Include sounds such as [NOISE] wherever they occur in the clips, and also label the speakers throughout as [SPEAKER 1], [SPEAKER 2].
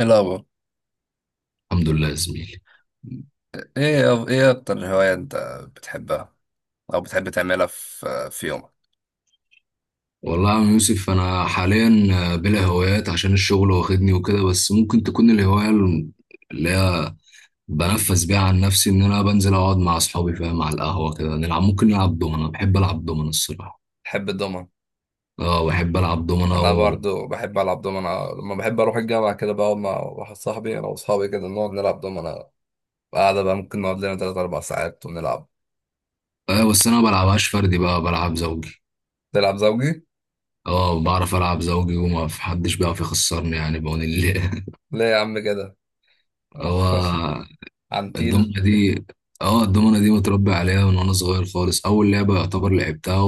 [SPEAKER 1] ايه الأخبار؟
[SPEAKER 2] الحمد لله يا زميلي.
[SPEAKER 1] ايه اكتر هواية انت بتحبها او بتحب تعملها في يومك؟
[SPEAKER 2] والله يا عم يوسف انا حاليا بلا هوايات عشان الشغل واخدني وكده، بس ممكن تكون الهوايه اللي هي بنفس بيها. عن نفسي ان انا بنزل اقعد مع اصحابي، فاهم، على القهوه كده نلعب، ممكن نلعب دومنه. بحب العب دومنه الصراحه.
[SPEAKER 1] بحب الدومنة.
[SPEAKER 2] اه بحب العب دومنه
[SPEAKER 1] انا برضو بحب العب دومنة، لما بحب اروح الجامعه كده بقعد مع واحد صاحبي، انا واصحابي كده نقعد نلعب دومنة. قاعده بقى ممكن نقعد لنا تلات اربع ساعات ونلعب.
[SPEAKER 2] آه بس انا ما بلعبهاش فردي بقى، بلعب زوجي.
[SPEAKER 1] تلعب زوجي؟
[SPEAKER 2] اه بعرف العب زوجي، وما في حدش بيعرف يخسرني يعني، بعون الله.
[SPEAKER 1] ليه يا عم كده؟
[SPEAKER 2] [LAUGHS]
[SPEAKER 1] [LAUGHS]
[SPEAKER 2] هو
[SPEAKER 1] عنتيل.
[SPEAKER 2] الدومنه دي، اه الدومنة دي متربي عليها من وانا صغير خالص، اول لعبة يعتبر لعبتها.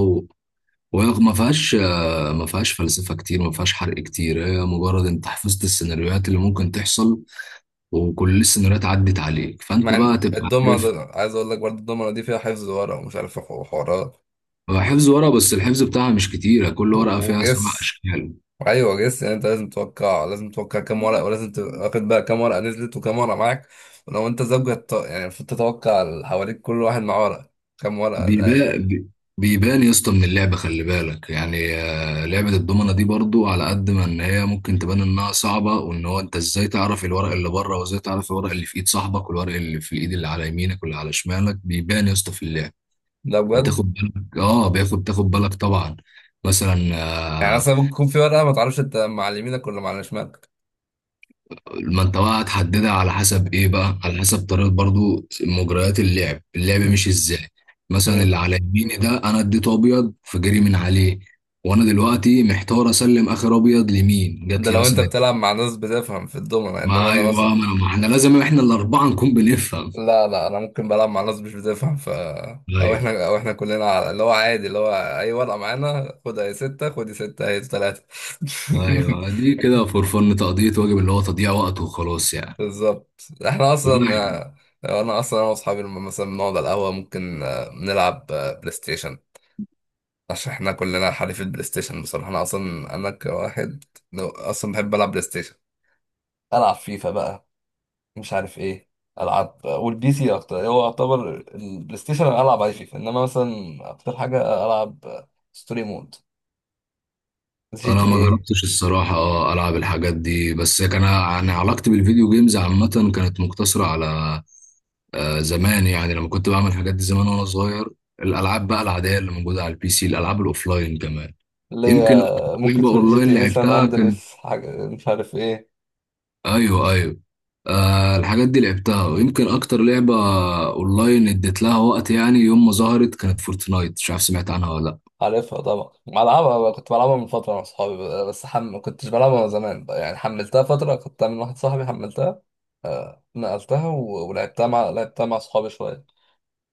[SPEAKER 2] وهي ما فيهاش ما فيهاش فلسفة كتير، ما فيهاش حرق كتير، هي مجرد انت حفظت السيناريوهات اللي ممكن تحصل. وكل السيناريوهات عدت عليك فانت
[SPEAKER 1] مع
[SPEAKER 2] بقى
[SPEAKER 1] ان
[SPEAKER 2] تبقى عارف.
[SPEAKER 1] الدومنة ده، عايز اقول لك برضو الدومنة دي فيها حفظ ورق ومش عارف حوارات.
[SPEAKER 2] هو حفظ ورقة، بس الحفظ بتاعها مش كتير، كل ورقة فيها سبع
[SPEAKER 1] وجس.
[SPEAKER 2] أشكال.
[SPEAKER 1] ايوه جس، يعني انت لازم توقع، لازم توقع كام ورقه، ولازم تبقى واخد بقى كام ورقه نزلت وكام ورقه معاك. ولو انت زوجة، يعني المفروض تتوقع اللي حواليك كل واحد معاه ورقه كام ورقه ده، يعني.
[SPEAKER 2] بيبان بيبان يا اسطى من اللعبة، خلي بالك يعني. لعبة الضمنة دي برضو، على قد ما ان هي ممكن تبان انها صعبة، وان هو انت ازاي تعرف الورق اللي بره، وازاي تعرف الورق اللي في ايد صاحبك، والورق اللي في الايد اللي على يمينك واللي على شمالك، بيبان يا اسطى في اللعب.
[SPEAKER 1] ده بجد.
[SPEAKER 2] بتاخد بالك، اه بياخد تاخد بالك طبعا. مثلا
[SPEAKER 1] يعني
[SPEAKER 2] آه،
[SPEAKER 1] اصلا ممكن يكون في ورقه ما تعرفش انت مع اللي يمينك ولا مع اللي شمالك.
[SPEAKER 2] ما انت بقى هتحددها على حسب ايه، بقى على حسب طريقه برضو مجريات اللعب، اللعب
[SPEAKER 1] مم.
[SPEAKER 2] مش ازاي. مثلا
[SPEAKER 1] مم.
[SPEAKER 2] اللي على يميني ده انا اديته ابيض، فجري من عليه. وانا دلوقتي محتار اسلم اخر ابيض لمين،
[SPEAKER 1] ده
[SPEAKER 2] جات لي
[SPEAKER 1] لو انت
[SPEAKER 2] مثلا.
[SPEAKER 1] بتلعب مع ناس بتفهم في الدومنة، انما
[SPEAKER 2] ما
[SPEAKER 1] انا مثلا،
[SPEAKER 2] ايوه، ما احنا لازم احنا الاربعه نكون بنفهم.
[SPEAKER 1] لا لا، انا ممكن بلعب مع ناس مش بتفهم. او
[SPEAKER 2] ايوه،
[SPEAKER 1] احنا او احنا كلنا اللي هو عادي، اللي هو اي ورقه معانا خدها يا سته، خد يا سته هي ثلاثه. [LAUGHS]
[SPEAKER 2] ايوه، دي كده فور فن، تقضيه واجب اللي هو تضييع وقت وخلاص يعني.
[SPEAKER 1] بالظبط. احنا اصلا
[SPEAKER 2] لا
[SPEAKER 1] انا اصلا انا واصحابي لما مثلا بنقعد على القهوه ممكن نلعب بلاي ستيشن، عشان احنا كلنا حريف البلاي ستيشن. بصراحه انا اصلا انا كواحد اصلا بحب العب بلاي ستيشن، العب فيفا بقى، مش عارف ايه. العب والبي سي اكتر، هو يعتبر البلاي ستيشن أنا العب عليه فيفا، انما مثلا اكتر حاجه العب ستوري مود، جي
[SPEAKER 2] انا
[SPEAKER 1] تي
[SPEAKER 2] ما
[SPEAKER 1] ايه.
[SPEAKER 2] جربتش الصراحه، اه العب الحاجات دي، بس كان انا علاقتي بالفيديو جيمز عامه كانت مقتصره على زمان يعني، لما كنت بعمل الحاجات دي زمان وانا صغير. الالعاب بقى العاديه اللي موجوده على البي سي، الالعاب الاوفلاين كمان.
[SPEAKER 1] اللي هي
[SPEAKER 2] يمكن اكتر لعبه
[SPEAKER 1] ممكن جي تي
[SPEAKER 2] اونلاين
[SPEAKER 1] ايه سان
[SPEAKER 2] لعبتها كانت،
[SPEAKER 1] اندريس، حاجه مش عارف ايه.
[SPEAKER 2] ايوه ايوه. آه الحاجات دي لعبتها، ويمكن اكتر لعبه اونلاين اديت لها وقت يعني، يوم ما ظهرت كانت فورتنايت، مش عارف سمعت عنها ولا.
[SPEAKER 1] عارفها طبعا، بلعبها بقى، كنت بلعبها من فترة مع صحابي بقى، بس ما كنتش بلعبها من زمان بقى. يعني حملتها فترة، كنت من واحد صاحبي حملتها، نقلتها ولعبتها مع لعبتها مع صحابي شوية.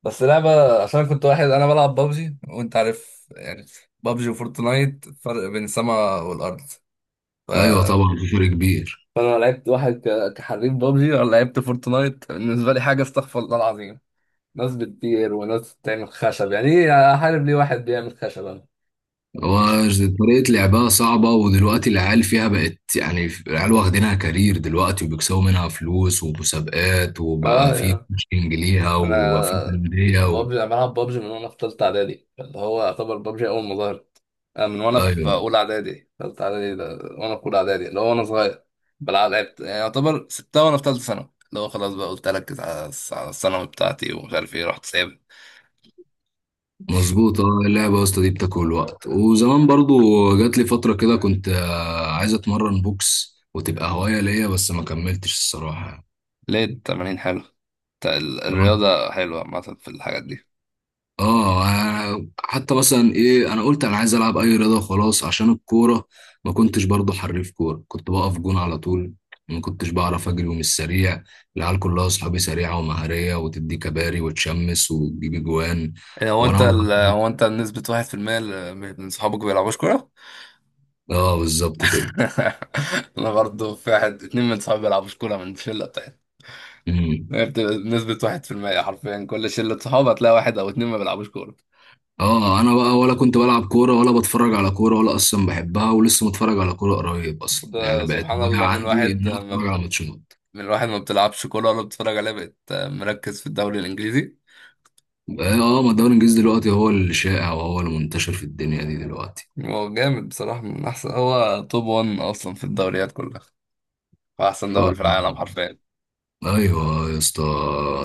[SPEAKER 1] بس لعبة، عشان كنت واحد أنا بلعب بابجي وأنت عارف يعني، بابجي وفورتنايت فرق بين السماء والأرض. ف...
[SPEAKER 2] لا ايوه طبعا في فرق كبير.
[SPEAKER 1] فأنا لعبت واحد كحريف بابجي، وأنا لعبت فورتنايت بالنسبة لي حاجة استغفر الله العظيم. ناس بتطير وناس بتعمل خشب، يعني إيه أحارب ليه واحد بيعمل خشب أنا؟
[SPEAKER 2] وطريقة لعبها صعبة، ودلوقتي العيال فيها بقت يعني العيال واخدينها كارير دلوقتي، وبيكسبوا منها فلوس ومسابقات،
[SPEAKER 1] اه
[SPEAKER 2] وبقى في
[SPEAKER 1] يعني.
[SPEAKER 2] كوتشنج ليها، وبقى في
[SPEAKER 1] انا
[SPEAKER 2] أندية
[SPEAKER 1] بابجي، انا بلعب بابجي من وانا في ثالثه اعدادي، اللي هو يعتبر بابجي اول ما ظهرت. أنا من وانا في
[SPEAKER 2] أيوه
[SPEAKER 1] اولى اعدادي. ثالثه اعدادي ده وانا في اولى اعدادي، اللي هو وانا صغير بلعب، لعبت يعني. يعتبر سبتها وانا في ثالثه ثانوي، اللي هو خلاص بقى قلت اركز على على الثانوي بتاعتي ومش عارف ايه، رحت سايب.
[SPEAKER 2] مظبوط. اه اللعبة يا اسطى دي بتاكل وقت وزمان برضو. جات لي فترة كده كنت عايز أتمرن بوكس وتبقى هواية ليا، بس ما كملتش الصراحة.
[SPEAKER 1] ليه؟ التمارين حلو، الرياضه حلوه عامه في الحاجات دي.
[SPEAKER 2] اه حتى مثلا ايه، انا قلت انا عايز العب اي رياضه وخلاص عشان الكوره. ما كنتش برضو حريف كوره، كنت بقف جون على طول. ما كنتش بعرف اجري ومش سريع. العيال كلها اصحابي سريعه ومهاريه، وتدي كباري وتشمس وتجيب جوان.
[SPEAKER 1] إيه، هو انت
[SPEAKER 2] وانا مم.
[SPEAKER 1] ال...
[SPEAKER 2] بقى-
[SPEAKER 1] هو انت نسبة 1% من صحابك بيلعبوش كورة؟
[SPEAKER 2] اه بالظبط كده.
[SPEAKER 1] [LAUGHS] أنا برضه، في واحد اتنين من صحابي بيلعبوش كورة من الشلة.
[SPEAKER 2] امم.
[SPEAKER 1] هي بتبقى نسبة 1% حرفيا، كل شلة صحاب هتلاقي واحد أو اتنين ما بيلعبوش كورة.
[SPEAKER 2] اه انا بقى ولا كنت بلعب كوره، ولا بتفرج على كوره، ولا اصلا بحبها، ولسه متفرج على كوره قريب اصلا يعني،
[SPEAKER 1] وده
[SPEAKER 2] بقت
[SPEAKER 1] سبحان
[SPEAKER 2] هوايه
[SPEAKER 1] الله،
[SPEAKER 2] عندي ان انا اتفرج على ماتشات.
[SPEAKER 1] من واحد ما بتلعبش كورة ولا بتتفرج عليها بقت مركز في الدوري الإنجليزي.
[SPEAKER 2] اه ما الدوري الانجليزي دلوقتي هو الشائع وهو المنتشر في الدنيا دي دلوقتي.
[SPEAKER 1] هو جامد بصراحة، من أحسن، هو توب 1 أصلا في الدوريات كلها، وأحسن
[SPEAKER 2] ف
[SPEAKER 1] دوري في العالم حرفيا.
[SPEAKER 2] ايوه يا اسطى،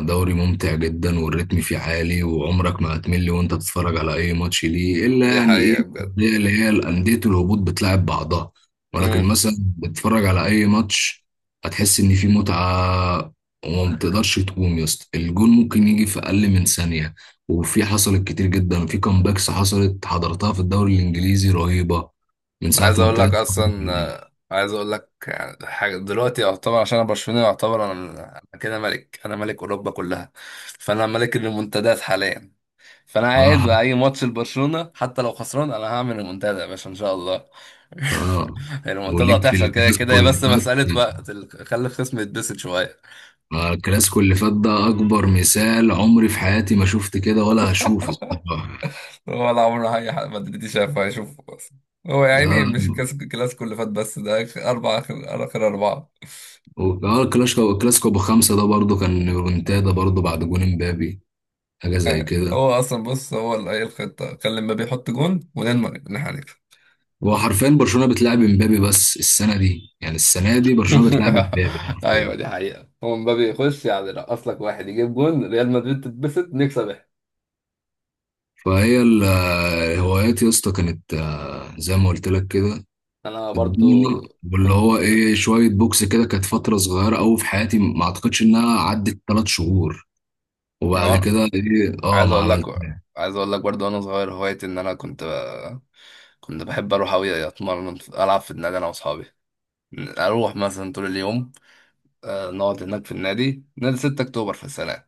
[SPEAKER 2] دوري ممتع جدا، والريتم فيه عالي، وعمرك ما هتمل وانت تتفرج على اي ماتش ليه، الا
[SPEAKER 1] دي
[SPEAKER 2] يعني ايه
[SPEAKER 1] حقيقة بجد.
[SPEAKER 2] الأندية اللي هي الانديه الهبوط بتلعب بعضها. ولكن
[SPEAKER 1] مم.
[SPEAKER 2] مثلا بتتفرج على اي ماتش، هتحس ان في متعه. وما بتقدرش تقوم يا اسطى، الجون ممكن يجي في اقل من ثانيه. وفي حصلت كتير جدا، في كامباكس حصلت حضرتها في الدوري الانجليزي رهيبه من ساعه
[SPEAKER 1] عايز
[SPEAKER 2] ما
[SPEAKER 1] أقول لك
[SPEAKER 2] ابتدت.
[SPEAKER 1] أصلا، عايز أقول لك يعني حاجة دلوقتي يعتبر، عشان أنا برشلوني، يعتبر أنا، أنا كده ملك، أنا ملك أوروبا كلها، فأنا ملك المنتديات حاليا. فانا قاعد
[SPEAKER 2] اه
[SPEAKER 1] بقى اي ماتش لبرشلونه حتى لو خسران انا هعمل المنتدى يا باشا ان شاء الله.
[SPEAKER 2] اه
[SPEAKER 1] [LAUGHS] المنتدى
[SPEAKER 2] وليك في
[SPEAKER 1] هتحصل كده كده،
[SPEAKER 2] الكلاسيكو
[SPEAKER 1] هي بس
[SPEAKER 2] اللي فات.
[SPEAKER 1] مساله وقت، خلي الخصم يتبسط شويه.
[SPEAKER 2] الكلاسيكو اللي فات ده اكبر مثال، عمري في حياتي ما شفت كده ولا هشوف الصراحه.
[SPEAKER 1] هو ولا عمره اي حد مدريدي شافه هيشوفه بس. هو يا عيني
[SPEAKER 2] لا،
[SPEAKER 1] مش كاس الكلاسيكو اللي فات بس، ده آخر اربع، آخر اربعه.
[SPEAKER 2] الكلاسيكو بخمسه ده برضو كان ريمونتادا برضو، بعد جون امبابي، حاجه زي كده.
[SPEAKER 1] هو اصلا بص، هو اللي هي الخطه كان لما بيحط جون ونضمن ان احنا هنكسب.
[SPEAKER 2] هو حرفيا برشلونه بتلعب امبابي بس السنه دي، يعني السنه دي برشلونه بتلعب امبابي
[SPEAKER 1] [LAUGHS] ايوه
[SPEAKER 2] حرفيا.
[SPEAKER 1] دي حقيقه، هو مبابي يخش، يعني رقص لك واحد يجيب جون، ريال مدريد تتبسط، نكسب.
[SPEAKER 2] فهي ال- الهوايات يا اسطى كانت زي ما قلت لك كده.
[SPEAKER 1] انا برضو
[SPEAKER 2] الدنيا واللي
[SPEAKER 1] كنت،
[SPEAKER 2] هو ايه، شويه بوكس كده كانت فتره صغيره قوي في حياتي، ما اعتقدش انها عدت 3 شهور. وبعد
[SPEAKER 1] أنا
[SPEAKER 2] كده ايه، اه
[SPEAKER 1] عايز
[SPEAKER 2] ما
[SPEAKER 1] اقول لك،
[SPEAKER 2] عملتها.
[SPEAKER 1] عايز اقول لك برضه وانا صغير هوايتي ان انا كنت كنت بحب اروح اوي اتمرن العب في النادي انا واصحابي. اروح مثلا طول اليوم نقعد هناك في النادي، نادي 6 اكتوبر، في السنه.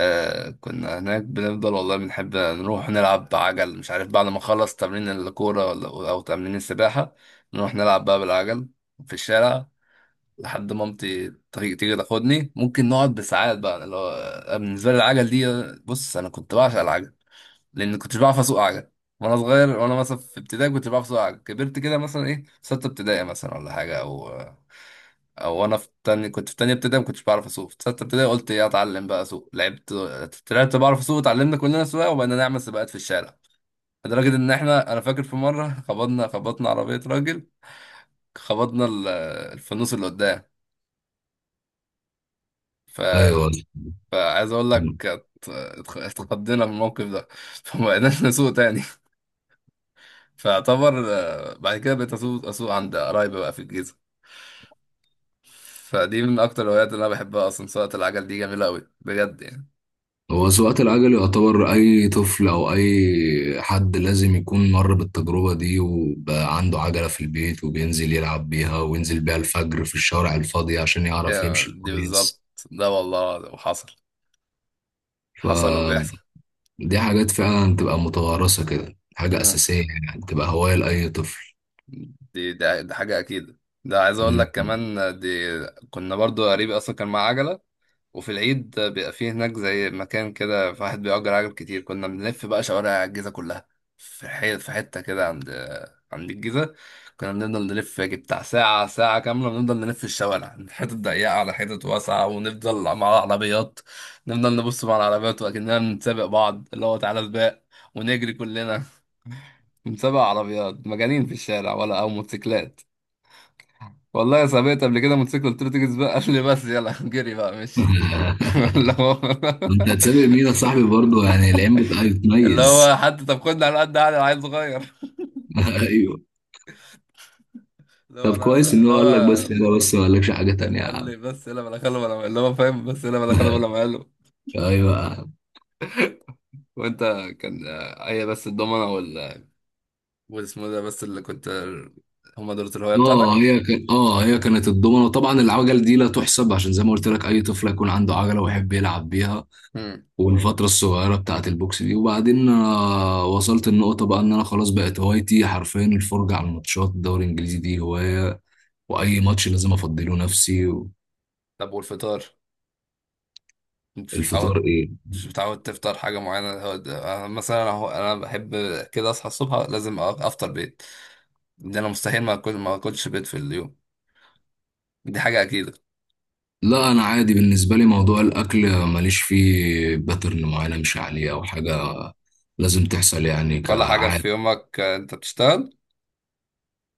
[SPEAKER 1] كنا هناك بنفضل والله بنحب نروح نلعب بعجل مش عارف، بعد ما نخلص تمرين الكوره او تمرين السباحه نروح نلعب بقى بالعجل في الشارع، لحد مامتي تيجي تاخدني، ممكن نقعد بساعات بقى اللي هو. أنا بالنسبه لي العجل دي، بص انا كنت بعشق العجل، لان كنتش بعرف اسوق عجل وانا صغير. وانا مثلا في ابتدائي كنت بعرف اسوق عجل، كبرت كده مثلا ايه، في سته ابتدائي مثلا ولا حاجه، او وانا في تاني كنت في تانيه ابتدائي ما كنتش بعرف اسوق، في سته ابتدائي قلت ايه اتعلم بقى اسوق، لعبت، طلعت بعرف اسوق، اتعلمنا كلنا سواقه وبقينا نعمل سباقات في الشارع. لدرجه ان احنا، انا فاكر في مره خبطنا عربيه راجل، خبطنا الفانوس اللي قدام.
[SPEAKER 2] ايوه.
[SPEAKER 1] فعايز اقول لك، اتخضينا من الموقف ده، فما بقيناش [LAUGHS] نسوق تاني. فاعتبر بعد كده بقيت اسوق، عند قرايبي بقى في الجيزه. فدي من اكتر الهوايات اللي انا بحبها اصلا، سواقه العجل دي جميله قوي بجد يعني.
[SPEAKER 2] هو سواقة العجل يعتبر اي طفل او اي حد لازم يكون مر بالتجربة دي، وبقى عنده عجلة في البيت وبينزل يلعب بيها، وينزل بيها الفجر في الشوارع الفاضية عشان يعرف
[SPEAKER 1] هي
[SPEAKER 2] يمشي
[SPEAKER 1] دي بالظبط،
[SPEAKER 2] كويس.
[SPEAKER 1] ده والله وحصل، حصل وبيحصل.
[SPEAKER 2] فدي حاجات فعلا تبقى متوارثة كده، حاجة
[SPEAKER 1] مم.
[SPEAKER 2] أساسية يعني، تبقى هواية لأي طفل.
[SPEAKER 1] دي، ده حاجه اكيد. ده عايز اقول
[SPEAKER 2] مم.
[SPEAKER 1] لك كمان دي، كنا برضو قريبي اصلا كان معاه عجله، وفي العيد بيبقى فيه هناك زي مكان كده في واحد بيأجر عجل كتير، كنا بنلف بقى شوارع الجيزة كلها. في في حتة كده عند الجيزة. كنا بنفضل نلف يجي بتاع ساعة، ساعة كاملة بنفضل نلف الشوارع من حتة ضيقة على حتة واسعة، ونفضل مع العربيات، نفضل نبص مع العربيات وأكننا بنسابق بعض اللي هو تعالى سباق، ونجري كلنا. بنسابق عربيات مجانين في الشارع ولا أو موتوسيكلات. والله سابقت قبل كده موتوسيكل، قلت له تيجي سباق، قال لي بس يلا جري بقى، ماشي.
[SPEAKER 2] [LAUGHS]
[SPEAKER 1] [LAUGHS] اللي هو،
[SPEAKER 2] انت هتسابق مين يا صاحبي برضه، يعني العين بتميز.
[SPEAKER 1] حتى طب خدني على قد عقلي انا عيل صغير. [LAUGHS]
[SPEAKER 2] [LAUGHS]
[SPEAKER 1] اللي هو
[SPEAKER 2] طب
[SPEAKER 1] لا
[SPEAKER 2] كويس
[SPEAKER 1] لا،
[SPEAKER 2] ان
[SPEAKER 1] اللي
[SPEAKER 2] هو
[SPEAKER 1] هو
[SPEAKER 2] قال لك بس كده، بس ما قالكش حاجه تانية يا
[SPEAKER 1] قال
[SPEAKER 2] عم.
[SPEAKER 1] لي بس يلا بلا خلو بلا، اللي هو فاهم بس يلا بلا خلو بلا
[SPEAKER 2] [LAUGHS]
[SPEAKER 1] مقاله.
[SPEAKER 2] ايوه يا عم.
[SPEAKER 1] وانت كان هي بس الضمنه والاسمه ده بس اللي كنت، هما دول الهوايه بتاعتك.
[SPEAKER 2] اه هي كان اه هي كانت الضمنه، وطبعا العجل دي لا تحسب، عشان زي ما قلت لك اي طفل يكون عنده عجله ويحب يلعب بيها.
[SPEAKER 1] امم.
[SPEAKER 2] والفتره الصغيره بتاعه البوكس دي، وبعدين وصلت النقطه بقى ان انا خلاص بقت هوايتي حرفيا الفرجه على الماتشات، الدوري الانجليزي دي هوايه، واي ماتش لازم افضله نفسي.
[SPEAKER 1] طب والفطار، انت مش
[SPEAKER 2] الفطار
[SPEAKER 1] متعود،
[SPEAKER 2] ايه؟
[SPEAKER 1] مش متعود تفطر حاجه معينه؟ هو أنا مثلا، انا أنا بحب كده اصحى الصبح لازم افطر بيض. ده انا مستحيل ما اكل، ما اكلش بيض في اليوم. دي حاجه اكيده.
[SPEAKER 2] لا انا عادي، بالنسبه لي موضوع الاكل ماليش فيه باترن معينه مش عليه او حاجه لازم تحصل يعني
[SPEAKER 1] ولا حاجه
[SPEAKER 2] كعادة.
[SPEAKER 1] في يومك، انت بتشتغل،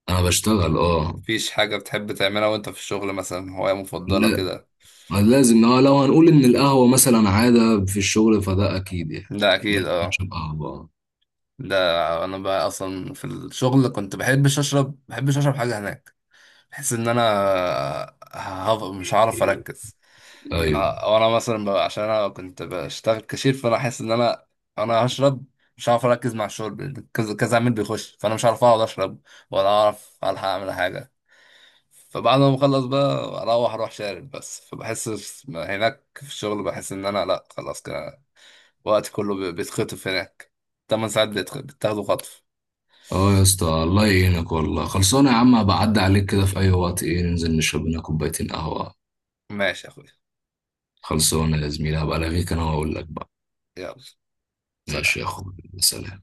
[SPEAKER 2] أنا بشتغل أه.
[SPEAKER 1] مفيش حاجة بتحب تعملها وانت في الشغل مثلا، هواية مفضلة
[SPEAKER 2] لا،
[SPEAKER 1] كده؟
[SPEAKER 2] لازم أه، لو هنقول إن القهوة مثلا عادة في الشغل فده أكيد يعني،
[SPEAKER 1] ده اكيد
[SPEAKER 2] لازم
[SPEAKER 1] اه.
[SPEAKER 2] أشرب قهوة.
[SPEAKER 1] ده انا بقى اصلا في الشغل كنت بحبش اشرب، حاجة هناك، بحس ان انا مش هعرف اركز.
[SPEAKER 2] أيوه.
[SPEAKER 1] لا، وانا مثلا بقى عشان انا كنت بشتغل كاشير، فانا احس ان انا انا هشرب، مش هعرف اركز مع الشرب، كذا كذا عميل بيخش، فانا مش هعرف اقعد اشرب ولا اعرف الحق اعمل حاجة. فبعد ما بخلص بقى اروح، شارب بس فبحس. هناك في الشغل بحس ان انا لا خلاص كده، وقت كله بيتخطف هناك، 8 ساعات بتاخدوا خطف.
[SPEAKER 2] أه يا اسطى الله يعينك والله. خلصانة يا عم، هبقى أعدي عليك كده في أي وقت، إيه ننزل نشرب لنا كوبايتين قهوة.
[SPEAKER 1] ماشي يا اخويا.
[SPEAKER 2] خلصانة يا زميلي، هبقى ألاغيك أنا وأقول لك بقى.
[SPEAKER 1] يلا، سلام.
[SPEAKER 2] ماشي يا أخوي، سلام.